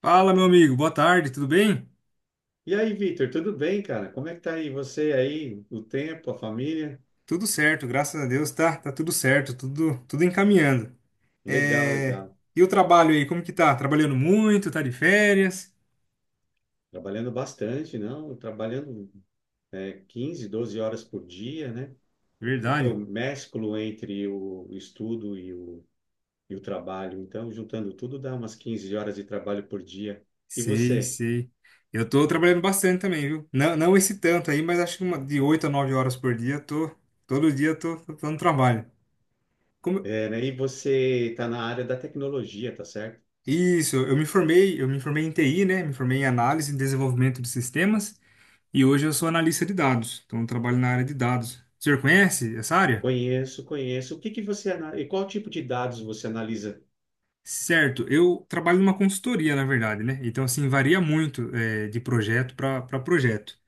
Fala, meu amigo, boa tarde, tudo bem? E aí, Vitor, tudo bem, cara? Como é que tá aí você aí, o tempo, a família? Tudo certo, graças a Deus, tá, tá tudo certo, tudo, tudo encaminhando. Legal, É, legal. E o trabalho aí, como que tá? Trabalhando muito, tá de férias? Trabalhando bastante, não? Trabalhando 15, 12 horas por dia, né? Porque eu Verdade, mesclo entre o estudo e o trabalho. Então, juntando tudo, dá umas 15 horas de trabalho por dia. E sei, você? sei. Eu tô trabalhando bastante também, viu? Não, não esse tanto aí, mas acho que uma, de 8 a 9 horas por dia, eu tô, todo dia eu tô, tô dando trabalho. Como... É, né? E você está na área da tecnologia, tá certo? Isso, eu me formei em TI, né? Me formei em análise e desenvolvimento de sistemas. E hoje eu sou analista de dados, então eu trabalho na área de dados. O senhor conhece essa área? Conheço, conheço. O que que e qual tipo de dados você analisa? Certo, eu trabalho numa consultoria, na verdade, né? Então, assim, varia muito de projeto para projeto.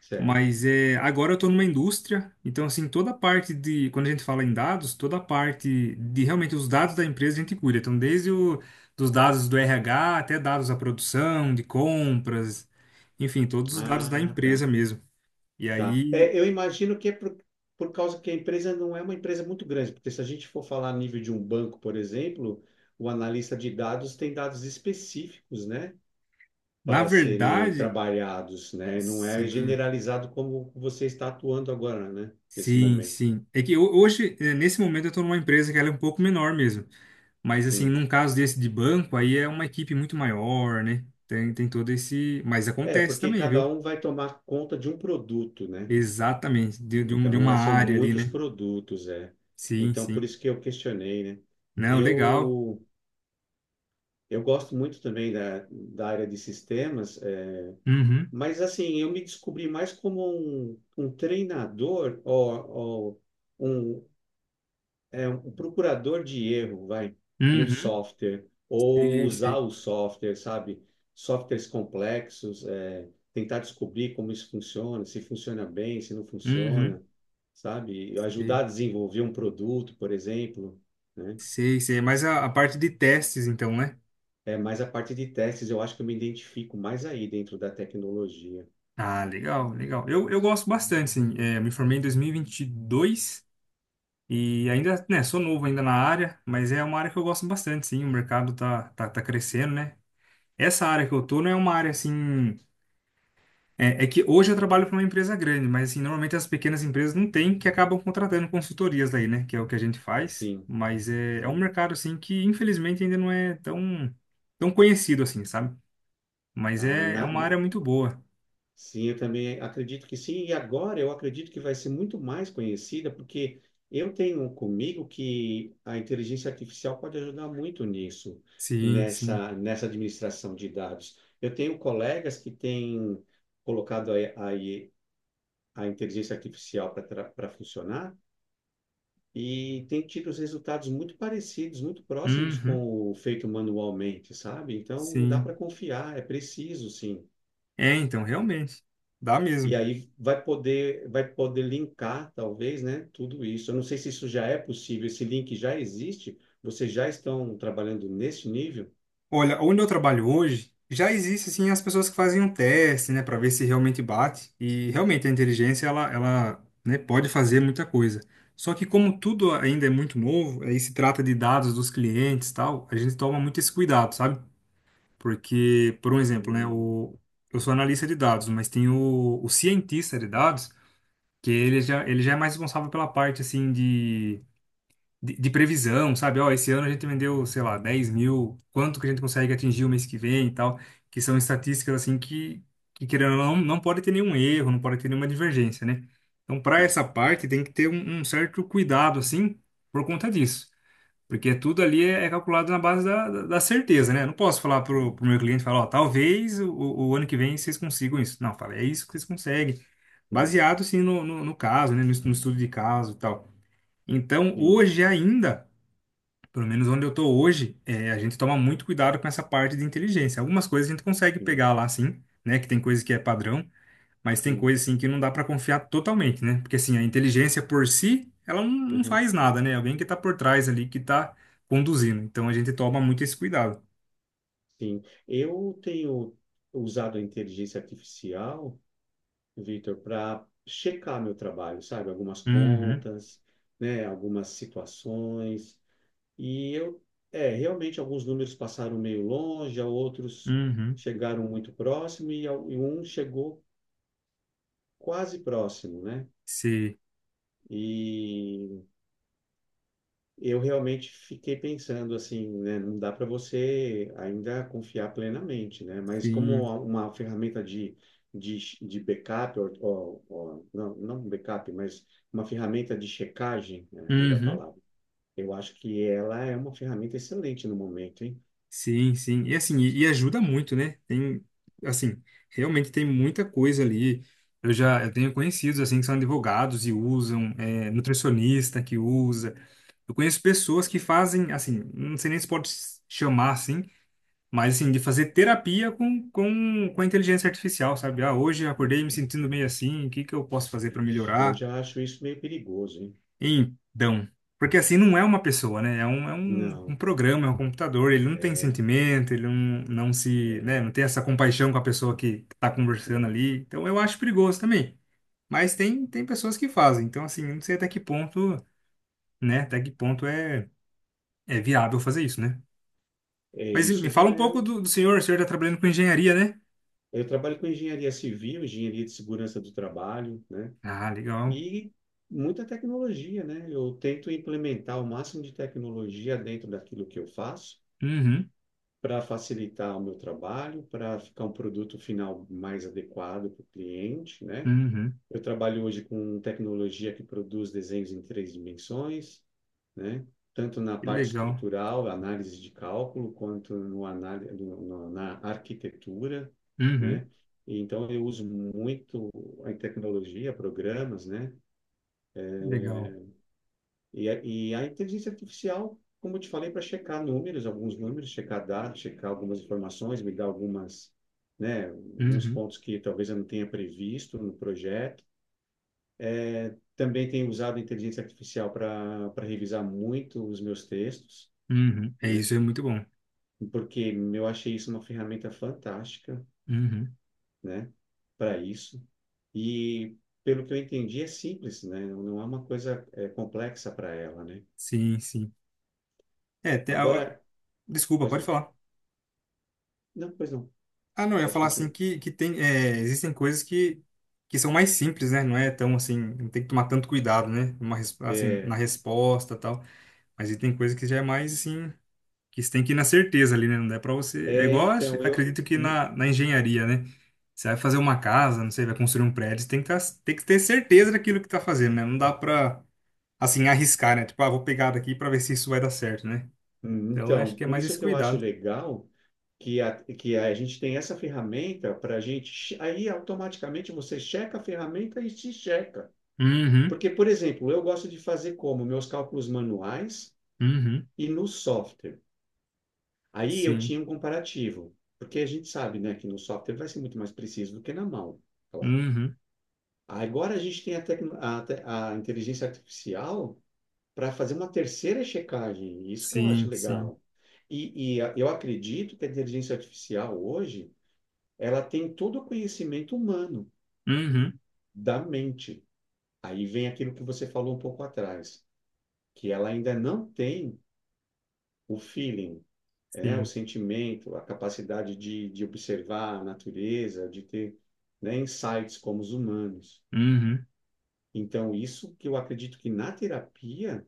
Certo. Mas agora eu estou numa indústria, então, assim, toda a parte de, quando a gente fala em dados, toda a parte de realmente os dados da empresa a gente cuida. Então, dos dados do RH até dados da produção, de compras, enfim, todos os dados da Ah, tá. empresa mesmo. E Tá. aí, É, eu imagino que por causa que a empresa não é uma empresa muito grande, porque se a gente for falar a nível de um banco, por exemplo, o analista de dados tem dados específicos, né, na para serem verdade, trabalhados, né? Não é sim. generalizado como você está atuando agora, né, nesse Sim, momento. sim. É que hoje, nesse momento, eu estou numa empresa que ela é um pouco menor mesmo. Mas, assim, Sim. num caso desse de banco, aí é uma equipe muito maior, né? Tem, tem todo esse. Mas É, acontece porque também, cada viu? um vai tomar conta de um produto, né? Exatamente. De Então, uma é, são área ali, muitos né? produtos, é. Sim, Então, sim. por isso que eu questionei, né? Não, legal. Eu Eu gosto muito também da área de sistemas, é, Uhum. mas assim, eu me descobri mais como um treinador ou um, é, um procurador de erro, vai, no Uhum. software, ou Sei, usar sei. o software, sabe? Softwares complexos, é, tentar descobrir como isso funciona, se funciona bem, se não Uhum. funciona, sabe? Ajudar a Sei, desenvolver um produto, por exemplo, né? sei, sei. Mas a parte de testes, então, né? É, mas a parte de testes, eu acho que eu me identifico mais aí dentro da tecnologia. Ah, legal, legal. Eu gosto bastante, sim. Eu me formei em dois mil e e vinte e dois. E ainda, né, sou novo ainda na área, mas é uma área que eu gosto bastante, sim. O mercado tá, tá, tá crescendo, né? Essa área que eu tô não é uma área assim. É, é que hoje eu trabalho para uma empresa grande, mas assim, normalmente as pequenas empresas não têm, que acabam contratando consultorias daí né? Que é o que a gente faz. Sim, Mas é, é um sim. mercado, assim, que infelizmente ainda não é tão, tão conhecido, assim, sabe? Mas Ah, é, é na- uma área muito boa. sim, eu também acredito que sim. E agora eu acredito que vai ser muito mais conhecida, porque eu tenho comigo que a inteligência artificial pode ajudar muito nisso, Sim, sim. Nessa administração de dados. Eu tenho colegas que têm colocado a, a inteligência artificial para funcionar. E tem tido os resultados muito parecidos, muito próximos Uhum, com o feito manualmente, sabe? Então dá para sim. confiar, é preciso, sim. É, então, realmente. Dá E mesmo. aí vai poder linkar, talvez, né, tudo isso. Eu não sei se isso já é possível, esse link já existe, vocês já estão trabalhando nesse nível? Olha, onde eu trabalho hoje, já existe assim as pessoas que fazem um teste, né, para ver se realmente bate. E realmente a inteligência ela, né, pode fazer muita coisa. Só que como tudo ainda é muito novo, aí se trata de dados dos clientes, e tal, a gente toma muito esse cuidado, sabe? Porque, por um exemplo, né, Hum, o, eu sou analista de dados, mas tem o cientista de dados, que ele já é mais responsável pela parte assim de previsão, sabe? Ó, esse ano a gente vendeu, sei lá, 10 mil, quanto que a gente consegue atingir o mês que vem e tal, que são estatísticas assim que querendo ou não, não pode ter nenhum erro, não pode ter nenhuma divergência, né? Então, para Sim, essa parte, tem que ter um certo cuidado, assim, por conta disso. Porque tudo ali é, é calculado na base da certeza, né? Eu não posso falar pro sim, meu cliente, falar, ó, talvez o ano que vem vocês consigam isso. Não, fala, é isso que vocês conseguem sim, baseado sim no caso, né, no, no estudo de caso e tal. Então, sim, hoje ainda pelo menos onde eu tô hoje, é, a gente toma muito cuidado com essa parte de inteligência. Algumas coisas a gente consegue sim, pegar lá, sim, né? Que tem coisa que é padrão, mas tem sim. coisa, assim, que não dá para confiar totalmente, né? Porque, assim, a inteligência por si, ela não, não Aham, faz nada, né? Alguém que tá por trás ali, que tá conduzindo. Então, a gente toma muito esse cuidado. sim. Eu tenho usado a inteligência artificial, Vitor, para checar meu trabalho, sabe? Algumas Uhum, contas, né? Algumas situações. E eu, é, realmente alguns números passaram meio longe, outros uhum. chegaram muito próximo e, e um chegou quase próximo, né? Sim, E eu realmente fiquei pensando assim, né? Não dá para você ainda confiar plenamente, né? Mas como sim. uma ferramenta de, de backup, não, não um backup, mas uma ferramenta de checagem, né? Melhor Uhum. palavra. Eu acho que ela é uma ferramenta excelente no momento, hein? Sim, sim. E assim, e ajuda muito, né? Tem, assim, realmente tem muita coisa ali. Eu tenho conhecidos, assim, que são advogados e usam, é, nutricionista que usa. Eu conheço pessoas que fazem, assim, não sei nem se pode chamar assim, mas assim, de fazer terapia com a inteligência artificial, sabe? Ah, hoje eu acordei me Nossa, sentindo meio assim, o que que eu posso fazer para ixi, eu melhorar? já acho isso meio perigoso, hein? Então, porque assim não é uma pessoa, né? Um Não, programa, é um computador, ele não tem é, sentimento, ele não, não se, né, é, não tem essa compaixão com a pessoa que tá conversando não. ali. Então eu acho perigoso também. Mas tem, tem pessoas que fazem. Então, assim, eu não sei até que ponto, né? Até que ponto é, é viável fazer isso, né? É, Mas me isso já fala um é. pouco do senhor, o senhor tá trabalhando com engenharia, né? Eu trabalho com engenharia civil, engenharia de segurança do trabalho, né? Ah, legal. E muita tecnologia, né? Eu tento implementar o máximo de tecnologia dentro daquilo que eu faço Uhum, para facilitar o meu trabalho, para ficar um produto final mais adequado para o cliente, né? uhum. Eu trabalho hoje com tecnologia que produz desenhos em três dimensões, né? Tanto na Que parte legal. estrutural, análise de cálculo, quanto no anál no, no, na arquitetura, Uhum, né? Então, eu uso muito a tecnologia, programas, né? legal. E a inteligência artificial, como eu te falei, para checar números, alguns números, checar dados, checar algumas informações, me dar algumas, né, alguns Uhum, pontos que talvez eu não tenha previsto no projeto. Também tenho usado a inteligência artificial para revisar muito os meus textos, uhum. É né, isso, é muito bom. porque eu achei isso uma ferramenta fantástica, Uhum. né, para isso. E pelo que eu entendi, é simples, né, não é uma coisa complexa para ela, né. Sim, sim. É, tem, a- Agora, desculpa, pois pode não, falar. não, pois não, Ah, não, eu ia pode falar assim continuar. Que tem, é, existem coisas que são mais simples, né? Não é tão assim, não tem que tomar tanto cuidado, né? Uma, res- assim, na É, resposta e tal. Mas aí tem coisa que já é mais assim, que você tem que ir na certeza ali, né? Não dá pra você. É é, igual, acho- então, eu, acre- acredito que me- na engenharia, né? Você vai fazer uma casa, não sei, vai construir um prédio, você tem que, tá- tem que ter certeza daquilo que tá fazendo, né? Não dá pra, assim, arriscar, né? Tipo, ah, vou pegar daqui pra ver se isso vai dar certo, né? Então, eu acho então, que é por mais isso esse que eu acho cuidado. legal que que a gente tem essa ferramenta para a gente, che- aí automaticamente você checa a ferramenta e se checa. Uhum, Porque, por exemplo, eu gosto de fazer como? Meus cálculos manuais uhum. e no software. Aí eu Sim. tinha um comparativo, porque a gente sabe, né, que no software vai ser muito mais preciso do que na mão, claro. Uhum. Agora a gente tem a, tecno- a te- a inteligência artificial para fazer uma terceira checagem. Isso que eu acho Sim, sim. legal. Eu acredito que a inteligência artificial hoje, ela tem todo o conhecimento humano Uhum. da mente. Aí vem aquilo que você falou um pouco atrás, que ela ainda não tem o feeling, né? O Sim. sentimento, a capacidade de observar a natureza, de ter, né, insights como os humanos. Uhum. Então, isso que eu acredito que na terapia.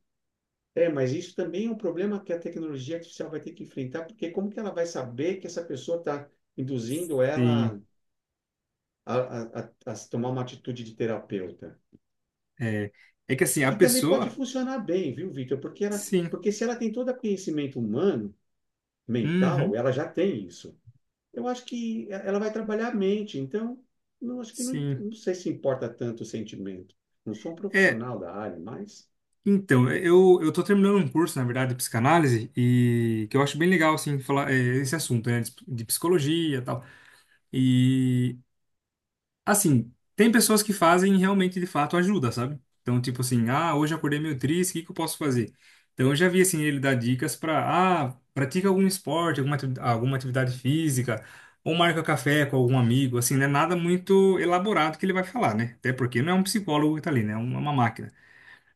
É, mas isso também é um problema que a tecnologia artificial vai ter que enfrentar, porque como que ela vai saber que essa pessoa está induzindo Sim. ela a tomar uma atitude de terapeuta? É. É que assim, a E também pode pessoa. funcionar bem, viu, Vitor? Porque ela, Sim. porque se ela tem todo o conhecimento humano, mental, Uhum. ela já tem isso. Eu acho que ela vai trabalhar a mente, então não acho que não, Sim. não sei se importa tanto o sentimento. Não sou um É. profissional da área, mas Então, é, eu tô terminando um curso, na verdade, de psicanálise, e que eu acho bem legal, assim, falar é, esse assunto, né, de psicologia e tal. E assim, tem pessoas que fazem e realmente de fato ajuda, sabe? Então, tipo assim, ah, hoje eu acordei meio triste, o que que eu posso fazer? Então, eu já vi assim ele dar dicas para, ah, pratica algum esporte, alguma atividade física, ou marca café com algum amigo, assim, não é nada muito elaborado que ele vai falar, né? Até porque não é um psicólogo que tá ali, né? É uma máquina.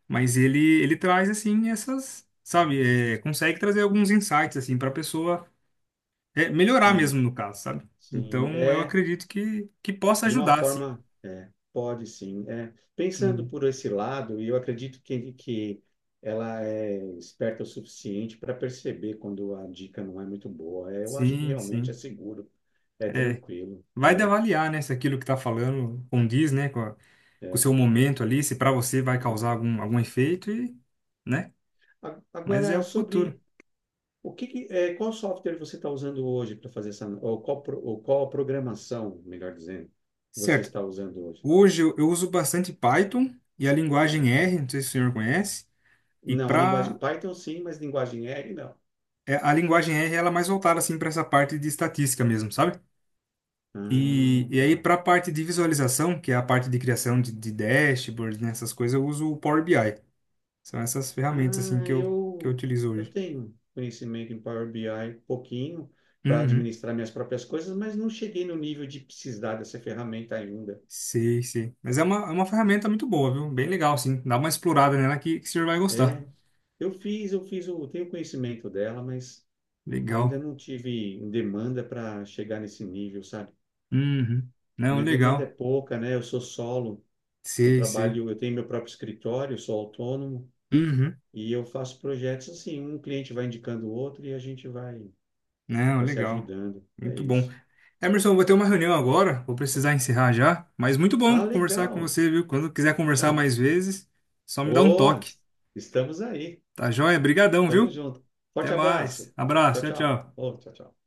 Mas ele traz assim essas, sabe, é, consegue trazer alguns insights assim para a pessoa é, melhorar sim, mesmo no caso, sabe? sim, Então, eu é acredito que possa de uma ajudar, assim. forma, é, pode sim. É, pensando por esse lado, e eu acredito que ela é esperta o suficiente para perceber quando a dica não é muito boa. É, eu acho que Sim, realmente é sim. seguro, é É, tranquilo. vai de avaliar, né, se aquilo que tá falando condiz, né, com, a- com o seu É, momento ali, se para você vai é causar verdade. algum, algum efeito e, né? Mas é Agora, o futuro. sobre o que, que- é, qual software você está usando hoje para fazer essa, ou qual programação, melhor dizendo, você Certo. está usando hoje? Hoje eu uso bastante Python e a linguagem Python? R, não sei se o senhor conhece, e Não, a linguagem para Python sim, mas linguagem R não. a linguagem R ela é mais voltada assim para essa parte de estatística mesmo, sabe? Ah, E tá. aí para a parte de visualização, que é a parte de criação de dashboards, né, essas coisas, eu uso o Power BI. São essas ferramentas Ah, assim que eu utilizo eu hoje. tenho conhecimento em Power BI, pouquinho, para Uhum. administrar minhas próprias coisas, mas não cheguei no nível de precisar dessa ferramenta ainda. Sei, sei. Mas é uma ferramenta muito boa, viu? Bem legal, sim. Dá uma explorada nela que o senhor vai gostar. É, eu fiz, eu tenho conhecimento dela, mas ainda Legal. não tive demanda para chegar nesse nível, sabe? Uhum. Não, Minha demanda é legal. pouca, né? Eu sou solo, eu Sei, sei. trabalho, eu tenho meu próprio escritório, sou autônomo Uhum. e eu faço projetos assim, um cliente vai indicando o outro e a gente vai, Não, vai se legal. ajudando. É Muito bom. isso. Emerson, vou ter uma reunião agora. Vou precisar encerrar já. Mas muito Ah, bom conversar com legal. você, viu? Quando quiser Tá conversar bem. mais vezes, só me dá um Ô, toque. estamos aí. Tá joia? Brigadão, Tamo viu? junto. Até Forte mais. abraço. Abraço. Tchau, Tchau, tchau. tchau. Ô, tchau, tchau.